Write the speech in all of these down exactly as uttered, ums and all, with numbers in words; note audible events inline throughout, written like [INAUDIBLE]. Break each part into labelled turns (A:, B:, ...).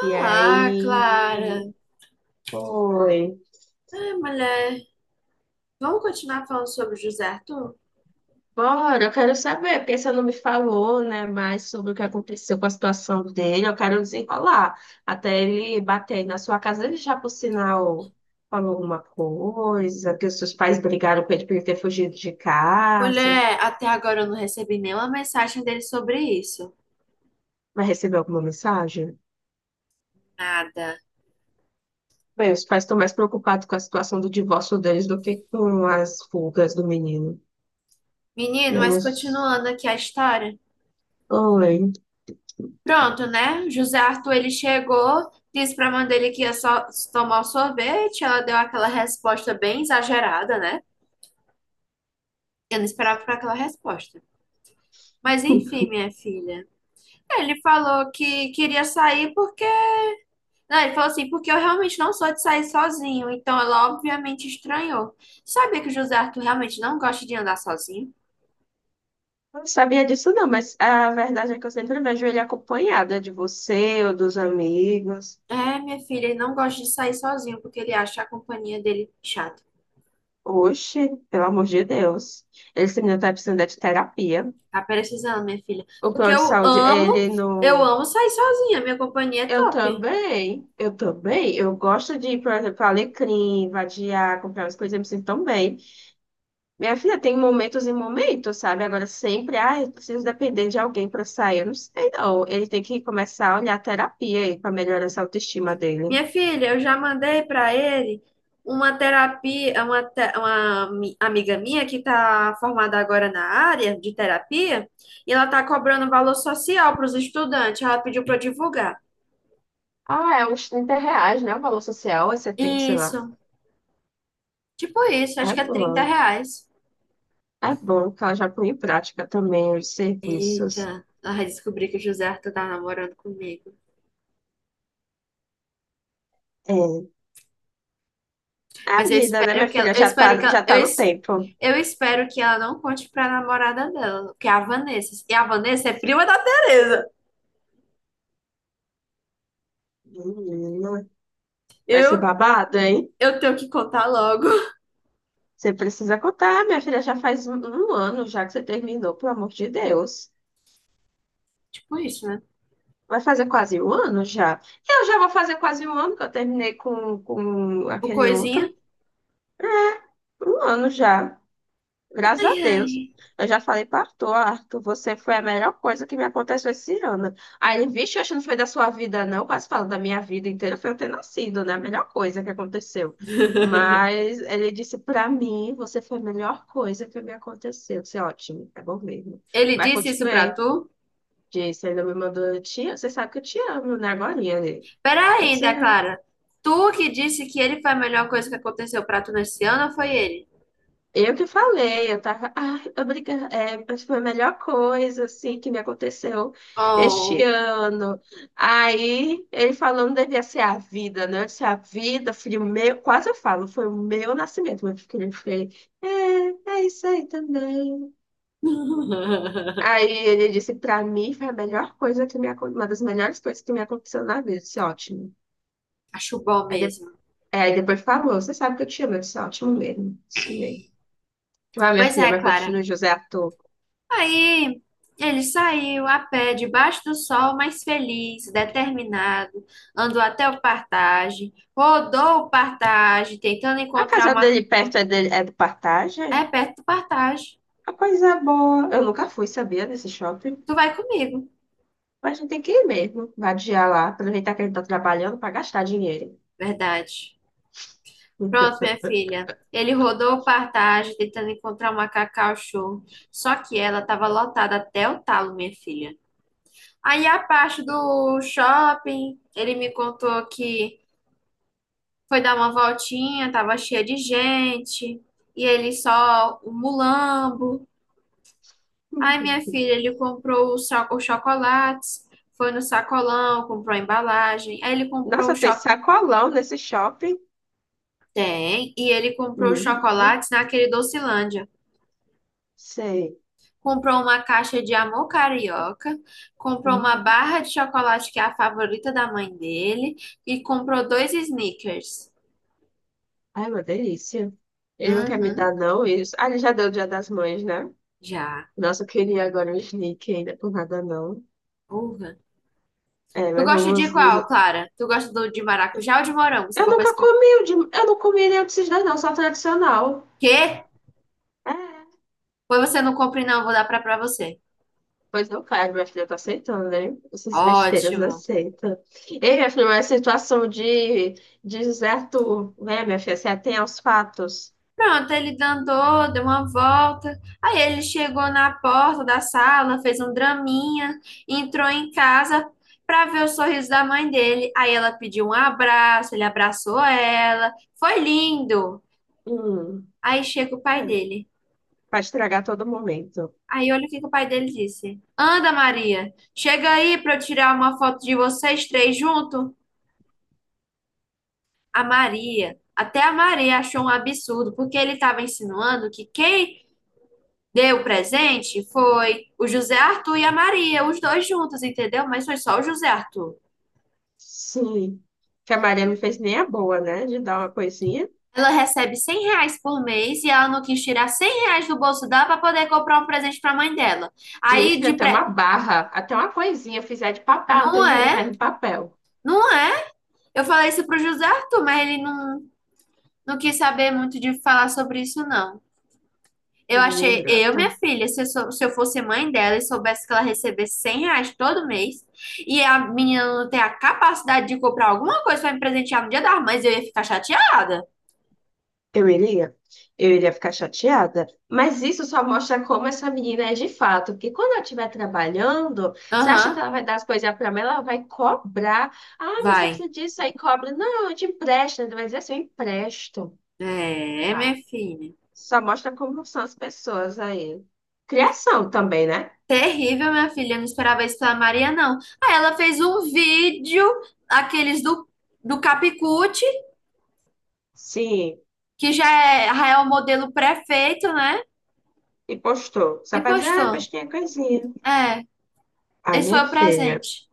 A: E
B: Clara.
A: aí, foi.
B: Ai, mulher, vamos continuar falando sobre o José Arthur?
A: Bora, eu quero saber, porque você não me falou, né, mais sobre o que aconteceu com a situação dele. Eu quero desenrolar. Até ele bater aí na sua casa, ele já, por sinal, falou alguma coisa, que os seus pais brigaram com ele por ele ter fugido de casa.
B: Mulher, até agora eu não recebi nenhuma mensagem dele sobre isso.
A: Vai receber alguma mensagem?
B: Nada.
A: Bem, os pais estão mais preocupados com a situação do divórcio deles do que com as fugas do menino.
B: Menino, mas
A: Menos.
B: continuando aqui a história.
A: Oi.
B: Pronto, né? José Arthur, ele chegou, disse pra mãe dele que ia só tomar o sorvete. Ela deu aquela resposta bem exagerada, né? Eu não esperava por aquela resposta. Mas enfim, minha filha. Ele falou que queria sair porque não, ele falou assim, porque eu realmente não sou de sair sozinho. Então ela obviamente estranhou. Sabia que o José Arthur realmente não gosta de andar sozinho?
A: Eu não sabia disso não, mas a verdade é que eu sempre vejo ele acompanhada de você ou dos amigos.
B: É, minha filha, ele não gosta de sair sozinho porque ele acha a companhia dele chata.
A: Oxe, pelo amor de Deus. Esse menino tá precisando de terapia.
B: Tá precisando, minha filha.
A: O
B: Porque
A: plano de
B: eu
A: saúde,
B: amo,
A: ele
B: eu
A: não...
B: amo sair sozinha. Minha companhia é
A: Eu
B: top.
A: também, eu também. Eu gosto de ir, por exemplo, Alecrim, vadiar, comprar umas coisas, eu me sinto tão bem. Minha filha, tem momentos e momentos, sabe? Agora sempre, ah, eu preciso depender de alguém para sair. Eu não sei, não. Ele tem que começar a olhar a terapia aí para melhorar essa autoestima dele.
B: Minha filha, eu já mandei para ele uma terapia, uma, te- uma mi- amiga minha que está formada agora na área de terapia, e ela está cobrando valor social para os estudantes. Ela pediu para eu divulgar.
A: Ah, é uns trinta reais, né? O valor social é setenta, sei lá.
B: Isso, tipo isso, acho
A: É
B: que é trinta
A: bom.
B: reais.
A: É bom que ela já põe em prática também os serviços.
B: Eita, ela vai descobrir que o José Arthur tá namorando comigo.
A: É. É a
B: Mas eu
A: vida, né,
B: espero
A: minha
B: que ela,
A: filha?
B: eu
A: Já tá,
B: espero que
A: já
B: ela, eu,
A: tá no
B: es-
A: tempo.
B: eu espero que ela não conte pra namorada dela, que é a Vanessa. E a Vanessa é prima da Tereza.
A: Menina, vai ser
B: Eu
A: babado, hein?
B: Eu tenho que contar logo. [LAUGHS]
A: Você precisa contar, minha filha. Já faz um, um ano já que você terminou, pelo amor de Deus.
B: Tipo isso, né?
A: Vai fazer quase um ano já. Eu já vou fazer quase um ano que eu terminei com, com
B: O
A: aquele
B: coisinha.
A: outro. Um ano já. Graças a
B: Ai,
A: Deus.
B: ai.
A: Eu já falei para Arthur, Arthur, você foi a melhor coisa que me aconteceu esse ano. Aí ele, vixe, eu acho que não foi da sua vida, não. Quase falando da minha vida inteira, foi eu ter nascido, né? A melhor coisa que aconteceu.
B: [LAUGHS]
A: Mas ele disse para mim, você foi a melhor coisa que me aconteceu. Isso é ótimo, é bom mesmo.
B: Ele
A: Mas
B: disse isso pra
A: continuei.
B: tu?
A: Disse, ele me mandou, tia, você sabe que eu te amo, né? Agora, né?
B: Pera aí, ainda, Clara. Tu que disse que ele foi a melhor coisa que aconteceu pra tu nesse ano ou foi ele?
A: Eu que falei, eu tava, ai, obrigada, é, foi a melhor coisa, assim, que me aconteceu este
B: Oh.
A: ano. Aí, ele falou, não devia ser a vida, né? Eu disse, a vida, filho meu, quase eu falo, foi o meu nascimento, meu filho, foi, é, é isso aí também.
B: [LAUGHS]
A: Aí, ele disse, pra mim, foi a melhor coisa que me aconteceu, uma das melhores coisas que me aconteceu na vida, eu disse, ótimo.
B: Acho bom
A: Aí, de-
B: mesmo.
A: é, aí depois falou, você sabe que eu te amo, eu disse, "É ótimo mesmo, isso mesmo. Vai, minha
B: Pois
A: filha,
B: é,
A: mas
B: Clara.
A: continua, José, ator.
B: Aí ele saiu a pé debaixo do sol, mas feliz, determinado. Andou até o Partage, rodou o Partage, tentando
A: A
B: encontrar
A: casa
B: uma.
A: dele perto é, dele, é do Partage?
B: É perto do Partage.
A: A coisa é boa. Eu nunca fui, sabia, nesse shopping.
B: Tu vai comigo.
A: Mas a gente tem que ir mesmo, vadiar lá, aproveitar que ele tá trabalhando para gastar dinheiro.
B: Verdade. Pronto, minha filha. Ele rodou o Partage tentando encontrar uma cacau-show. Só que ela estava lotada até o talo, minha filha. Aí a parte do shopping, ele me contou que foi dar uma voltinha, tava cheia de gente. E ele só o mulambo. Aí minha
A: [LAUGHS]
B: filha, ele comprou os cho- os chocolates, foi no sacolão, comprou a embalagem. Aí ele comprou o
A: Nossa, tem
B: chocolate.
A: sacolão nesse shopping.
B: Tem, e ele comprou os
A: Menina.
B: chocolates naquele Docilândia.
A: Sei.
B: Comprou uma caixa de amor carioca, comprou uma
A: Hum.
B: barra de chocolate que é a favorita da mãe dele e comprou dois snickers.
A: Ai, uma delícia. Ele não quer me
B: Uhum,
A: dar, não, isso. Ah, ele já deu o Dia das Mães, né?
B: já.
A: Nossa, eu queria agora um sneak ainda, por nada não.
B: Uva.
A: É,
B: Tu
A: mas
B: gosta de
A: vamos.
B: qual,
A: nos-
B: Clara? Tu gosta do de maracujá ou de morango? Você
A: Eu
B: pode pra
A: nunca
B: escolher.
A: comi o de... Eu não comi nenhum desses dois, não, só tradicional.
B: Quê?
A: É.
B: Pois você não compra, não, vou dar pra, pra você.
A: Pois não faz, minha filha tá aceitando, né? Essas besteiras
B: Ótimo.
A: aceita. Ei, minha filha, mas a situação de, de José Arthur, né, minha filha? Você atém aos fatos.
B: Pronto, ele andou, deu uma volta. Aí ele chegou na porta da sala, fez um draminha, entrou em casa para ver o sorriso da mãe dele. Aí ela pediu um abraço, ele abraçou ela. Foi lindo.
A: Hum,
B: Aí chega o pai
A: é,
B: dele.
A: pra estragar todo momento.
B: Aí olha o que que o pai dele disse. Anda, Maria, chega aí para eu tirar uma foto de vocês três junto. A Maria, até a Maria achou um absurdo, porque ele estava insinuando que quem deu presente? Foi o José Arthur e a Maria, os dois juntos, entendeu? Mas foi só o José Arthur.
A: Sim. Que a Maria não fez nem a boa, né? De dar uma coisinha.
B: Ela recebe cem reais por mês e ela não quis tirar cem reais do bolso dela para poder comprar um presente para a mãe dela.
A: Minha
B: Aí
A: filha,
B: de
A: até
B: pré.
A: uma barra, até uma coisinha, eu fizer de papel, não tenho
B: Não
A: dinheiro, faz
B: é?
A: no papel.
B: Não é? Eu falei isso pro José Arthur, mas ele não, não quis saber muito de falar sobre isso, não. Eu
A: Menina
B: achei, eu, minha
A: ingrata.
B: filha, se eu, sou- se eu fosse mãe dela e soubesse que ela recebesse cem reais todo mês e a menina não tem a capacidade de comprar alguma coisa pra me presentear no Dia das Mães, eu ia ficar chateada.
A: Eu iria, eu iria ficar chateada. Mas isso só mostra como essa menina é de fato. Porque quando ela estiver trabalhando, você acha que
B: Aham,
A: ela vai dar as coisas para mim? Ela vai cobrar. Ah, mas você
B: vai.
A: precisa disso aí, cobra. Não, eu te empresto. Ele vai dizer assim, eu empresto.
B: É,
A: Ah,
B: minha filha.
A: só mostra como são as pessoas aí. Criação também, né?
B: Terrível, minha filha. Eu não esperava isso pela Maria, não. Aí ela fez um vídeo, aqueles do, do Capicute,
A: Sim,
B: que já é, já é o modelo prefeito, né?
A: e postou. Só
B: E
A: pra dizer, ah,
B: postou.
A: postinha coisinha.
B: É,
A: Ai,
B: esse foi
A: minha
B: o
A: filha,
B: presente.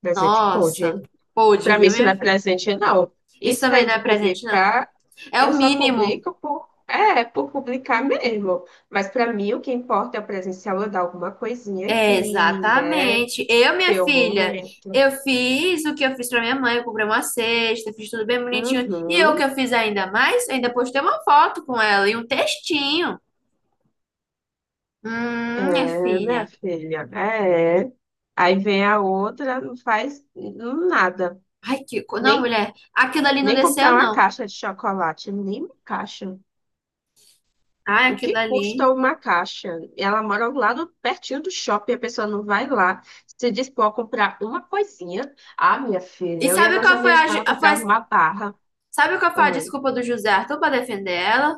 A: presente
B: Nossa,
A: pôde.
B: pôde,
A: Para mim,
B: viu,
A: isso
B: minha
A: não é
B: filha?
A: presente, não.
B: Isso
A: Isso
B: também
A: daí
B: não
A: de
B: é presente, não.
A: publicar,
B: É
A: eu
B: o
A: só
B: mínimo.
A: publico por, é, por publicar mesmo. Mas para mim, o que importa é o presencial, eu dar alguma coisinha
B: É,
A: aqui, né?
B: exatamente. Eu, minha
A: Ter o
B: filha,
A: momento.
B: eu fiz o que eu fiz pra minha mãe. Eu comprei uma cesta, fiz tudo bem bonitinho. E eu, o que
A: Uhum.
B: eu fiz ainda mais, ainda postei uma foto com ela e um textinho. Hum, minha
A: É, minha
B: filha.
A: filha, é. Aí vem a outra, não faz nada.
B: Ai, que. co- Não,
A: Nem,
B: mulher, aquilo ali não
A: nem
B: desceu,
A: comprar uma
B: não.
A: caixa de chocolate, nem uma caixa.
B: Ai,
A: O
B: aquilo
A: que custa
B: ali.
A: uma caixa? Ela mora lá no, pertinho do shopping, a pessoa não vai lá, se dispor a comprar uma coisinha. Ah, minha filha,
B: E
A: eu ia
B: sabe
A: nas
B: qual foi a. ju-
A: americanas,
B: a-
A: comprava
B: foi-
A: uma barra.
B: Sabe qual foi a
A: Oi.
B: desculpa do José Arthur pra defender ela?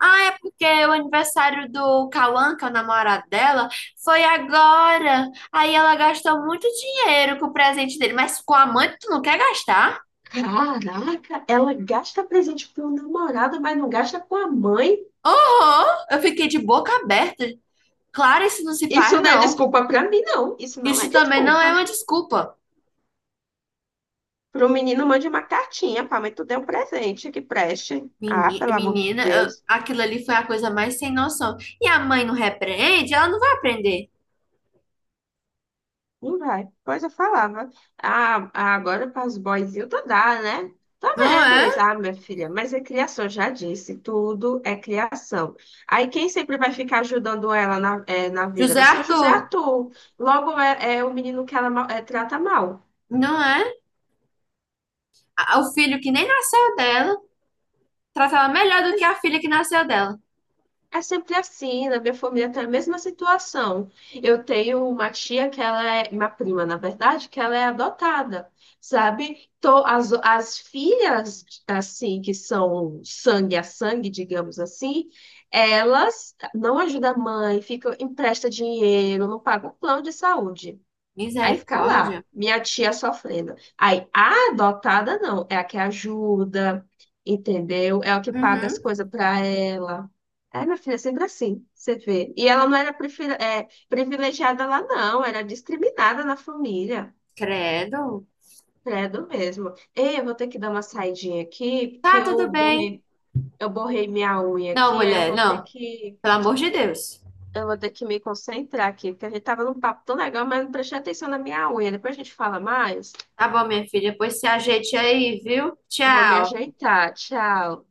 B: Ah, é porque o aniversário do Cauã, que é o namorado dela, foi agora. Aí ela gastou muito dinheiro com o presente dele, mas com a mãe tu não quer gastar?
A: Caraca, ela gasta presente pro namorado, mas não gasta com a mãe.
B: Oh, eu fiquei de boca aberta. Claro, isso não se
A: Isso
B: faz,
A: não é
B: não.
A: desculpa pra mim, não. Isso não é
B: Isso também não é uma
A: desculpa.
B: desculpa.
A: Pro menino, mande uma cartinha, pá, mas tu deu um presente que preste. Ah,
B: Meni-
A: pelo amor de
B: Menina, eu-
A: Deus.
B: aquilo ali foi a coisa mais sem noção. E a mãe não repreende, ela não vai aprender.
A: Não vai. Pois eu falava. Ah, ah, agora para os boyzinhos tu dá, né? Tá
B: Não
A: vendo isso?
B: é?
A: Ah, minha filha, mas é criação, já disse. Tudo é criação. Aí quem sempre vai ficar ajudando ela na, eh, na vida
B: José
A: vai ser o José
B: Arthur,
A: Arthur. Logo é, é o menino que ela ma- eh, trata mal.
B: não é? A- O filho que nem nasceu dela, trata ela melhor do que a filha que nasceu dela.
A: É sempre assim, na minha família tem a mesma situação. Eu tenho uma tia que ela é, uma prima, na verdade, que ela é adotada, sabe? Então, as, as filhas, assim, que são sangue a sangue, digamos assim, elas não ajudam a mãe, ficam, empresta dinheiro, não pagam plano de saúde. Aí fica lá,
B: Misericórdia.
A: minha tia sofrendo. Aí a adotada não, é a que ajuda, entendeu? É a que paga as
B: Uhum.
A: coisas pra ela. É, minha filha, é sempre assim, você vê. E ela não era prefira- é, privilegiada lá, não, era discriminada na família.
B: Credo.
A: Credo mesmo. Ei, eu vou ter que dar uma saidinha aqui, porque
B: Tá, tudo
A: eu
B: bem.
A: borrei, eu borrei minha unha
B: Não,
A: aqui, aí eu
B: mulher,
A: vou ter
B: não.
A: que,
B: Pelo amor de Deus.
A: eu vou ter que me concentrar aqui, porque a gente tava num papo tão legal, mas não prestei atenção na minha unha. Depois a gente fala mais.
B: Tá bom, minha filha. Depois se ajeite aí, viu?
A: Vou me
B: Tchau.
A: ajeitar. Tchau.